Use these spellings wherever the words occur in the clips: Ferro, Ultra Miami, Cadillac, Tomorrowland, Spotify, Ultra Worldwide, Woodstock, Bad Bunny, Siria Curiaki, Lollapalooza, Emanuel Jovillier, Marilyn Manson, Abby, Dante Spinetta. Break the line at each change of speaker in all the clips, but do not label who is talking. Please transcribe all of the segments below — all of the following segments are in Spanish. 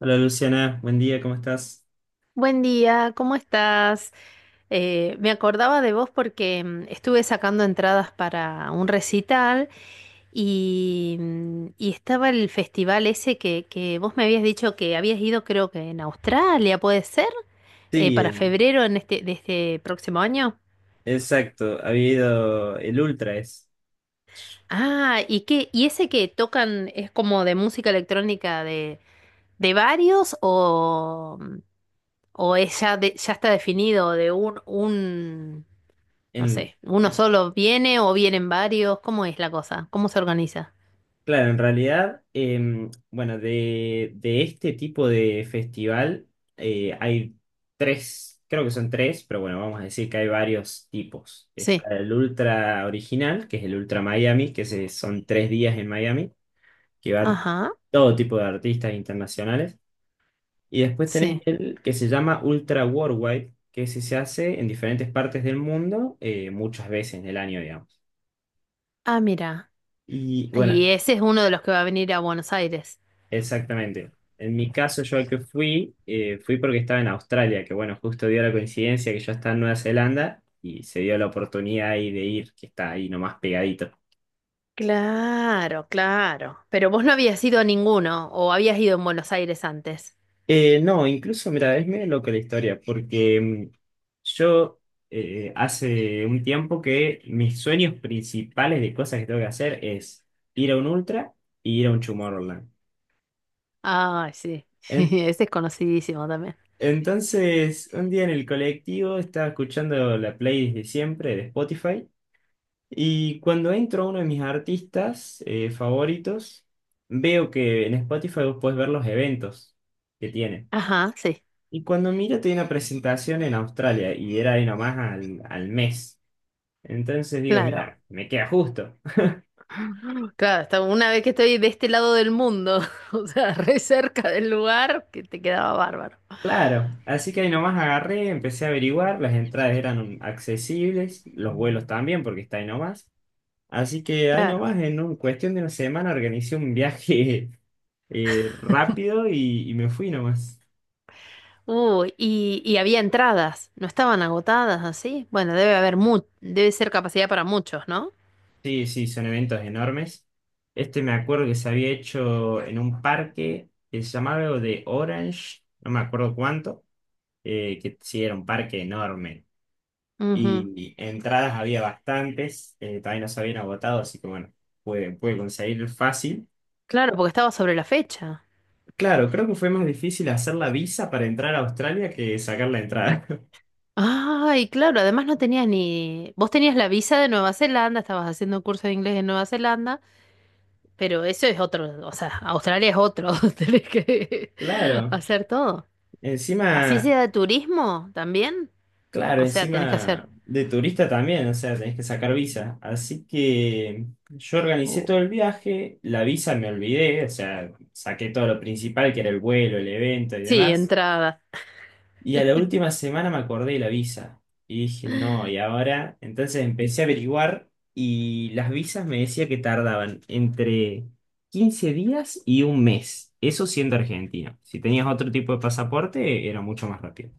Hola Luciana, buen día, ¿cómo estás?
Buen día, ¿cómo estás? Me acordaba de vos porque estuve sacando entradas para un recital y estaba el festival ese que vos me habías dicho que habías ido, creo que en Australia, ¿puede ser?
Sí,
Para febrero de este próximo año.
exacto, ha habido el Ultra es.
Ah, ¿y qué? ¿Y ese que tocan es como de música electrónica de varios o es ya, ya está definido de un. No
En,
sé, ¿uno solo viene o vienen varios? ¿Cómo es la cosa? ¿Cómo se organiza?
claro, en realidad, bueno, de este tipo de festival, hay tres, creo que son tres, pero bueno, vamos a decir que hay varios tipos. Está
Sí.
el Ultra original, que es el Ultra Miami, que son 3 días en Miami, que van
Ajá.
todo tipo de artistas internacionales. Y después tenés
Sí.
el que se llama Ultra Worldwide, que ese se hace en diferentes partes del mundo, muchas veces en el año, digamos.
Ah, mira.
Y bueno,
Y ese es uno de los que va a venir a Buenos Aires.
exactamente. En mi caso, yo al que fui, fui porque estaba en Australia, que bueno, justo dio la coincidencia que yo estaba en Nueva Zelanda y se dio la oportunidad ahí de ir, que está ahí nomás pegadito.
Claro, claro. Pero vos no habías ido a ninguno o habías ido en Buenos Aires antes.
No, incluso, mira, es medio loca la historia, porque yo hace un tiempo que mis sueños principales de cosas que tengo que hacer es ir a un Ultra y ir a un Tomorrowland.
Ah, sí.
En-
Ese es conocidísimo también.
entonces, un día en el colectivo estaba escuchando la playlist de siempre de Spotify y cuando entro a uno de mis artistas favoritos, veo que en Spotify vos podés ver los eventos que tiene.
Ajá, sí.
Y cuando mira, tenía una presentación en Australia y era ahí nomás al mes. Entonces digo,
Claro.
mira, me queda justo.
Claro, hasta una vez que estoy de este lado del mundo, o sea, re cerca del lugar, que te quedaba bárbaro.
Claro, así que ahí nomás agarré, empecé a averiguar, las entradas eran accesibles, los vuelos también, porque está ahí nomás. Así que ahí
Claro.
nomás, en cuestión de una semana, organicé un viaje rápido y me fui nomás.
Y había entradas, no estaban agotadas así. Bueno, debe haber mu debe ser capacidad para muchos, ¿no?
Sí, sí, son eventos enormes. Este me acuerdo que se había hecho en un parque que se llamaba algo de Orange, no me acuerdo cuánto. Que sí era un parque enorme.
Ujú.
Y entradas había bastantes, también las habían agotado, así que bueno, pude conseguir fácil.
Claro, porque estaba sobre la fecha.
Claro, creo que fue más difícil hacer la visa para entrar a Australia que sacar la entrada.
Ay, claro, además no tenías ni... Vos tenías la visa de Nueva Zelanda, estabas haciendo un curso de inglés en Nueva Zelanda, pero eso es otro, o sea, Australia es otro, tenés que
Claro,
hacer todo. Así
encima,
sea de turismo también,
claro,
o sea, tenés que hacer...
encima de turista también, o sea, tenés que sacar visa. Así que yo organicé todo
Uh,
el viaje, la visa me olvidé, o sea, saqué todo lo principal, que era el vuelo, el evento y
sí,
demás.
entrada.
Y a la última semana me acordé de la visa. Y dije, no, ¿y ahora? Entonces empecé a averiguar y las visas me decía que tardaban entre 15 días y un mes. Eso siendo argentino. Si tenías otro tipo de pasaporte, era mucho más rápido.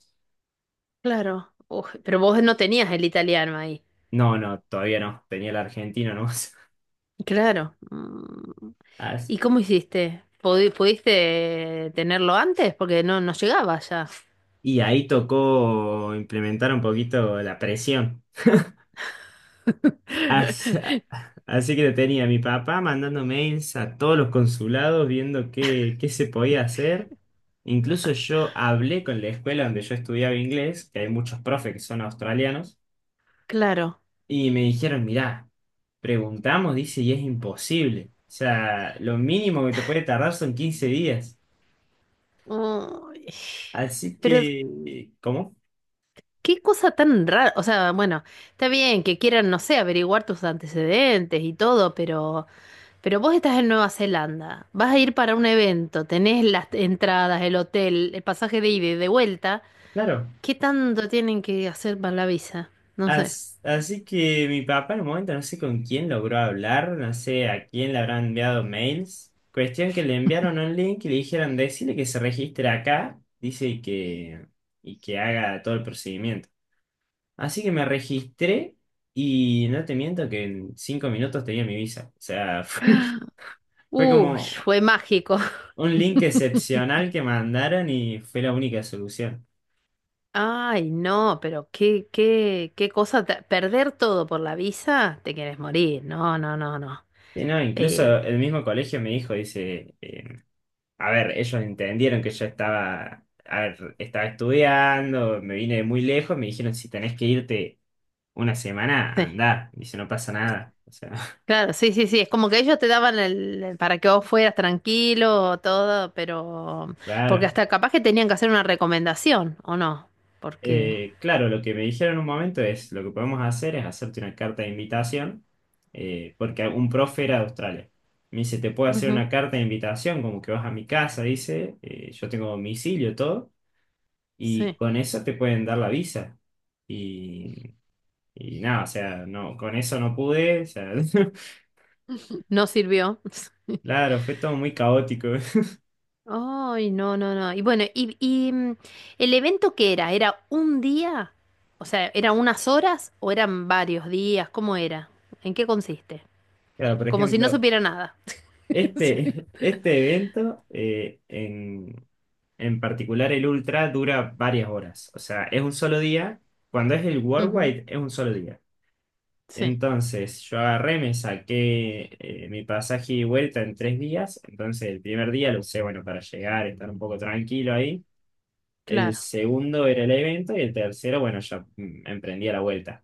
Claro. Uf, pero vos no tenías el italiano ahí.
No, no, todavía no. Tenía el argentino nomás.
Claro. Mm.
As-
¿Y cómo hiciste? ¿Pudiste tenerlo antes? Porque no, no llegaba ya.
Y ahí tocó implementar un poquito la presión. Así, así que lo tenía mi papá mandando mails a todos los consulados viendo qué se podía hacer. Incluso yo hablé con la escuela donde yo estudiaba inglés, que hay muchos profes que son australianos,
Claro.
y me dijeron, mirá, preguntamos, dice, y es imposible. O sea, lo mínimo que te puede tardar son 15 días.
Uy.
Así
Pero
que, ¿cómo?
qué cosa tan rara. O sea, bueno, está bien que quieran, no sé, averiguar tus antecedentes y todo, pero vos estás en Nueva Zelanda, vas a ir para un evento, tenés las entradas, el hotel, el pasaje de ida y de vuelta.
Claro,
¿Qué tanto tienen que hacer para la visa? No sé.
Así que mi papá en un momento no sé con quién logró hablar, no sé a quién le habrán enviado mails. Cuestión que le enviaron un link y le dijeron decirle que se registre acá, dice y que haga todo el procedimiento. Así que me registré y no te miento que en 5 minutos tenía mi visa. O sea, fue
Uy,
como
fue mágico.
un link excepcional que mandaron y fue la única solución.
Ay, no, pero qué cosa, perder todo por la visa, te quieres morir, no, no, no, no.
Sí, no, incluso
Eh,
el mismo colegio me dijo, dice, a ver, ellos entendieron que yo estaba, a ver, estaba estudiando, me vine de muy lejos, me dijeron, si tenés que irte una semana,
sí,
andá. Dice, no pasa nada. O sea,
claro, sí, sí, sí, es como que ellos te daban el para que vos fueras tranquilo, todo, pero, porque
claro.
hasta capaz que tenían que hacer una recomendación, ¿o no? Porque,
Claro, lo que me dijeron en un momento es, lo que podemos hacer es hacerte una carta de invitación, porque un profe era de Australia. Me dice, te puedo hacer
ujú,
una carta de invitación, como que vas a mi casa, dice, yo tengo domicilio, todo, y
sí,
con eso te pueden dar la visa. Y nada, o sea, no, con eso no pude, o sea,
no sirvió.
claro, fue todo muy caótico.
Ay, no, no, no. Y bueno, ¿el evento qué era? ¿Era un día? O sea, ¿eran unas horas o eran varios días? ¿Cómo era? ¿En qué consiste?
O sea, por
Como si no
ejemplo,
supiera nada. Sí.
este evento en particular el Ultra dura varias horas, o sea, es un solo día, cuando es el
Ujú,
Worldwide es un solo día.
sí,
Entonces, yo agarré, me saqué mi pasaje y vuelta en 3 días, entonces el primer día lo usé, bueno, para llegar, estar un poco tranquilo ahí. El
claro.
segundo era el evento y el tercero, bueno, ya emprendí a la vuelta.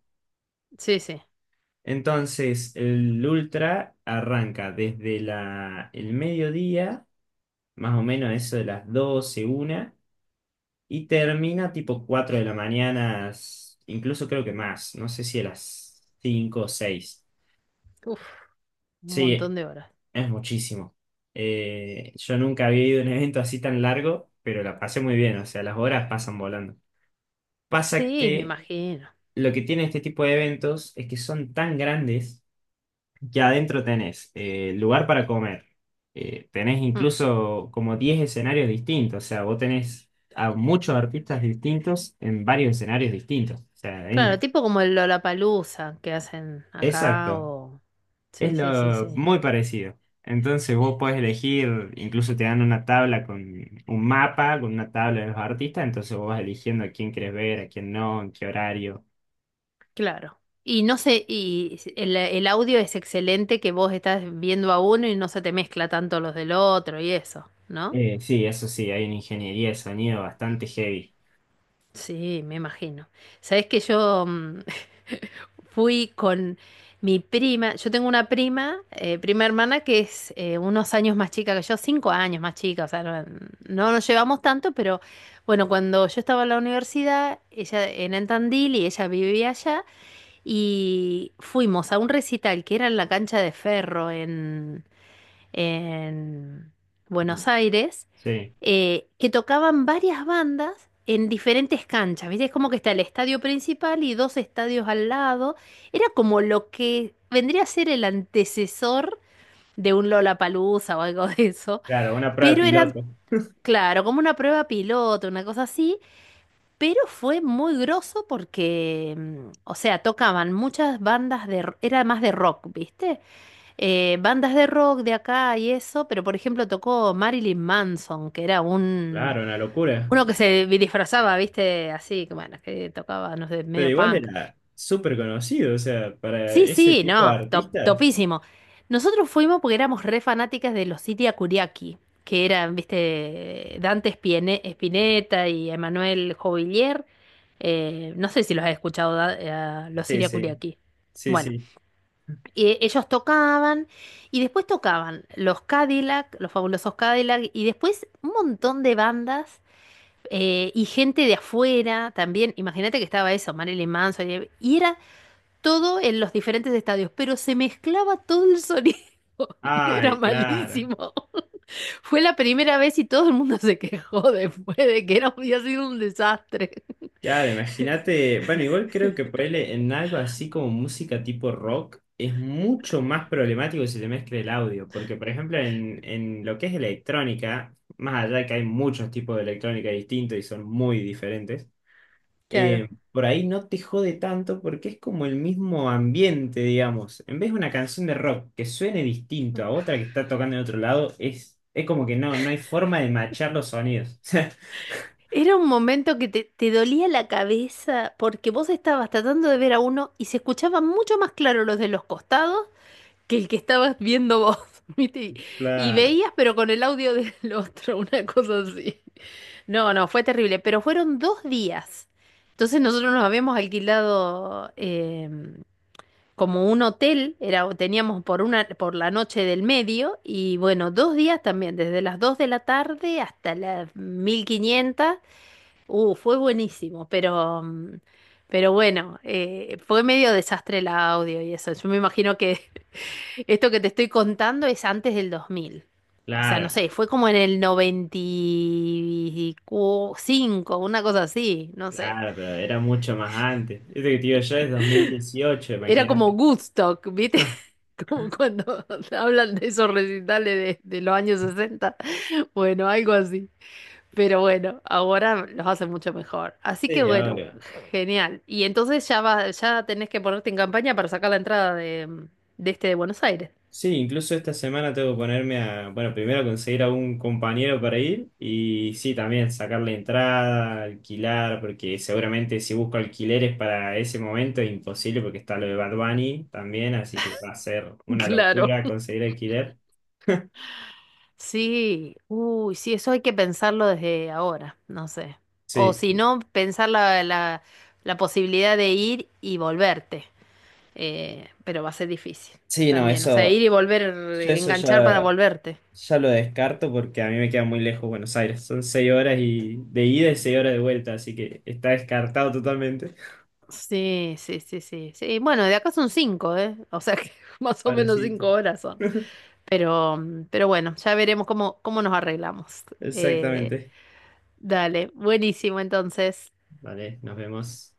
Sí, sí.
Entonces, el ultra arranca desde el mediodía, más o menos eso de las 12 una y termina tipo 4 de la mañana, incluso creo que más, no sé si a las 5 o 6.
Uf, un
Sí,
montón de horas.
es muchísimo. Yo nunca había ido a un evento así tan largo, pero la pasé muy bien, o sea, las horas pasan volando. Pasa
Sí, me
que
imagino.
lo que tiene este tipo de eventos es que son tan grandes. Ya adentro tenés lugar para comer. Tenés
Mm.
incluso como 10 escenarios distintos. O sea, vos tenés a muchos artistas distintos en varios escenarios distintos. O sea, hay
Claro,
una-
tipo como el Lollapalooza que hacen acá
Exacto.
o...
Es
Sí, sí, sí,
lo
sí.
muy parecido. Entonces vos podés elegir, incluso te dan una tabla con un mapa, con una tabla de los artistas, entonces vos vas eligiendo a quién querés ver, a quién no, en qué horario.
Claro. Y no sé, y si, el audio es excelente que vos estás viendo a uno y no se te mezcla tanto los del otro y eso, ¿no?
Sí, eso sí, hay una ingeniería de sonido bastante heavy.
Sí, me imagino. Sabés que yo fui con mi prima, yo tengo una prima, prima hermana que es unos años más chica que yo, 5 años más chica, o sea, no nos llevamos tanto, pero bueno, cuando yo estaba en la universidad, ella era en Tandil y ella vivía allá. Y fuimos a un recital que era en la cancha de Ferro en Buenos Aires,
Sí,
que tocaban varias bandas en diferentes canchas. ¿Viste? Es como que está el estadio principal y dos estadios al lado. Era como lo que vendría a ser el antecesor de un Lollapalooza o algo de eso.
claro, una prueba de
Pero eran,
piloto.
claro, como una prueba piloto, una cosa así. Pero fue muy groso porque, o sea, tocaban muchas bandas era más de rock, ¿viste? Bandas de rock de acá y eso, pero por ejemplo tocó Marilyn Manson, que era un...
Claro, una locura.
Uno que se disfrazaba, ¿viste? Así, que bueno, que tocaba, no sé,
Pero
medio
igual
punk.
era súper conocido, o sea, para
Sí,
ese
sí,
tipo de
no, top,
artistas.
topísimo. Nosotros fuimos porque éramos re fanáticas de los Siria Curiaki, que eran, viste, Dante Spinetta y Emanuel Jovillier. No sé si los has escuchado, a los
Sí,
Siria
sí,
Curiaki.
sí,
Bueno,
sí.
y ellos tocaban y después tocaban los Cadillac, los fabulosos Cadillac, y después un montón de bandas y gente de afuera también. Imagínate que estaba eso, Marilyn Manson, y era todo en los diferentes estadios, pero se mezclaba todo el sonido. Era
Ay, claro.
malísimo. Fue la primera vez y todo el mundo se quejó después de que había sido un desastre.
Claro, imagínate. Bueno, igual creo que ponerle en algo así como música tipo rock es mucho más problemático si se mezcla el audio. Porque, por ejemplo, en lo que es electrónica, más allá de que hay muchos tipos de electrónica distintos y son muy diferentes.
Claro.
Por ahí no te jode tanto porque es como el mismo ambiente, digamos. En vez de una canción de rock que suene distinto a otra que está tocando en otro lado, es como que no, no hay forma de machar los sonidos.
Era un momento que te dolía la cabeza porque vos estabas tratando de ver a uno y se escuchaban mucho más claro los de los costados que el que estabas viendo vos, ¿viste? Y
Claro,
veías, pero con el audio del otro, una cosa así. No, no, fue terrible, pero fueron 2 días. Entonces nosotros nos habíamos alquilado como un hotel, era, teníamos por una, por la noche del medio, y bueno, 2 días también, desde las 2 de la tarde hasta las 15:00. Fue buenísimo, pero, pero bueno, fue medio desastre el audio y eso. Yo me imagino que esto que te estoy contando es antes del 2000. O sea,
claro,
no sé, fue como en el 95, una cosa así, no sé.
claro, pero era mucho más antes. Este que te digo yo es 2018,
Era como
imagínate.
Woodstock, ¿viste? Como cuando hablan de esos recitales de los años 60. Bueno, algo así. Pero bueno, ahora los hacen mucho mejor. Así que
Sí,
bueno,
obvio.
genial. Y entonces ya va, ya tenés que ponerte en campaña para sacar la entrada de este de Buenos Aires.
Sí, incluso esta semana tengo que ponerme a, bueno, primero conseguir a un compañero para ir y sí, también sacar la entrada, alquilar, porque seguramente si busco alquileres para ese momento es imposible porque está lo de Bad Bunny también, así que va a ser una
Claro.
locura conseguir alquiler.
Sí, uy, sí, eso hay que pensarlo desde ahora, no sé. O
Sí,
si
sí.
no, pensar la posibilidad de ir y volverte, pero va a ser difícil
Sí, no,
también. O sea, ir
eso,
y volver,
yo eso
enganchar para
ya,
volverte.
ya lo descarto porque a mí me queda muy lejos Buenos Aires. Son 6 horas y, de ida y 6 horas de vuelta, así que está descartado totalmente.
Sí, sí, sí, sí, sí. Bueno, de acá son cinco, ¿eh? O sea que más o menos
Parecito.
5 horas son. Pero bueno, ya veremos cómo nos arreglamos. Eh,
Exactamente.
Dale, buenísimo entonces.
Vale, nos vemos.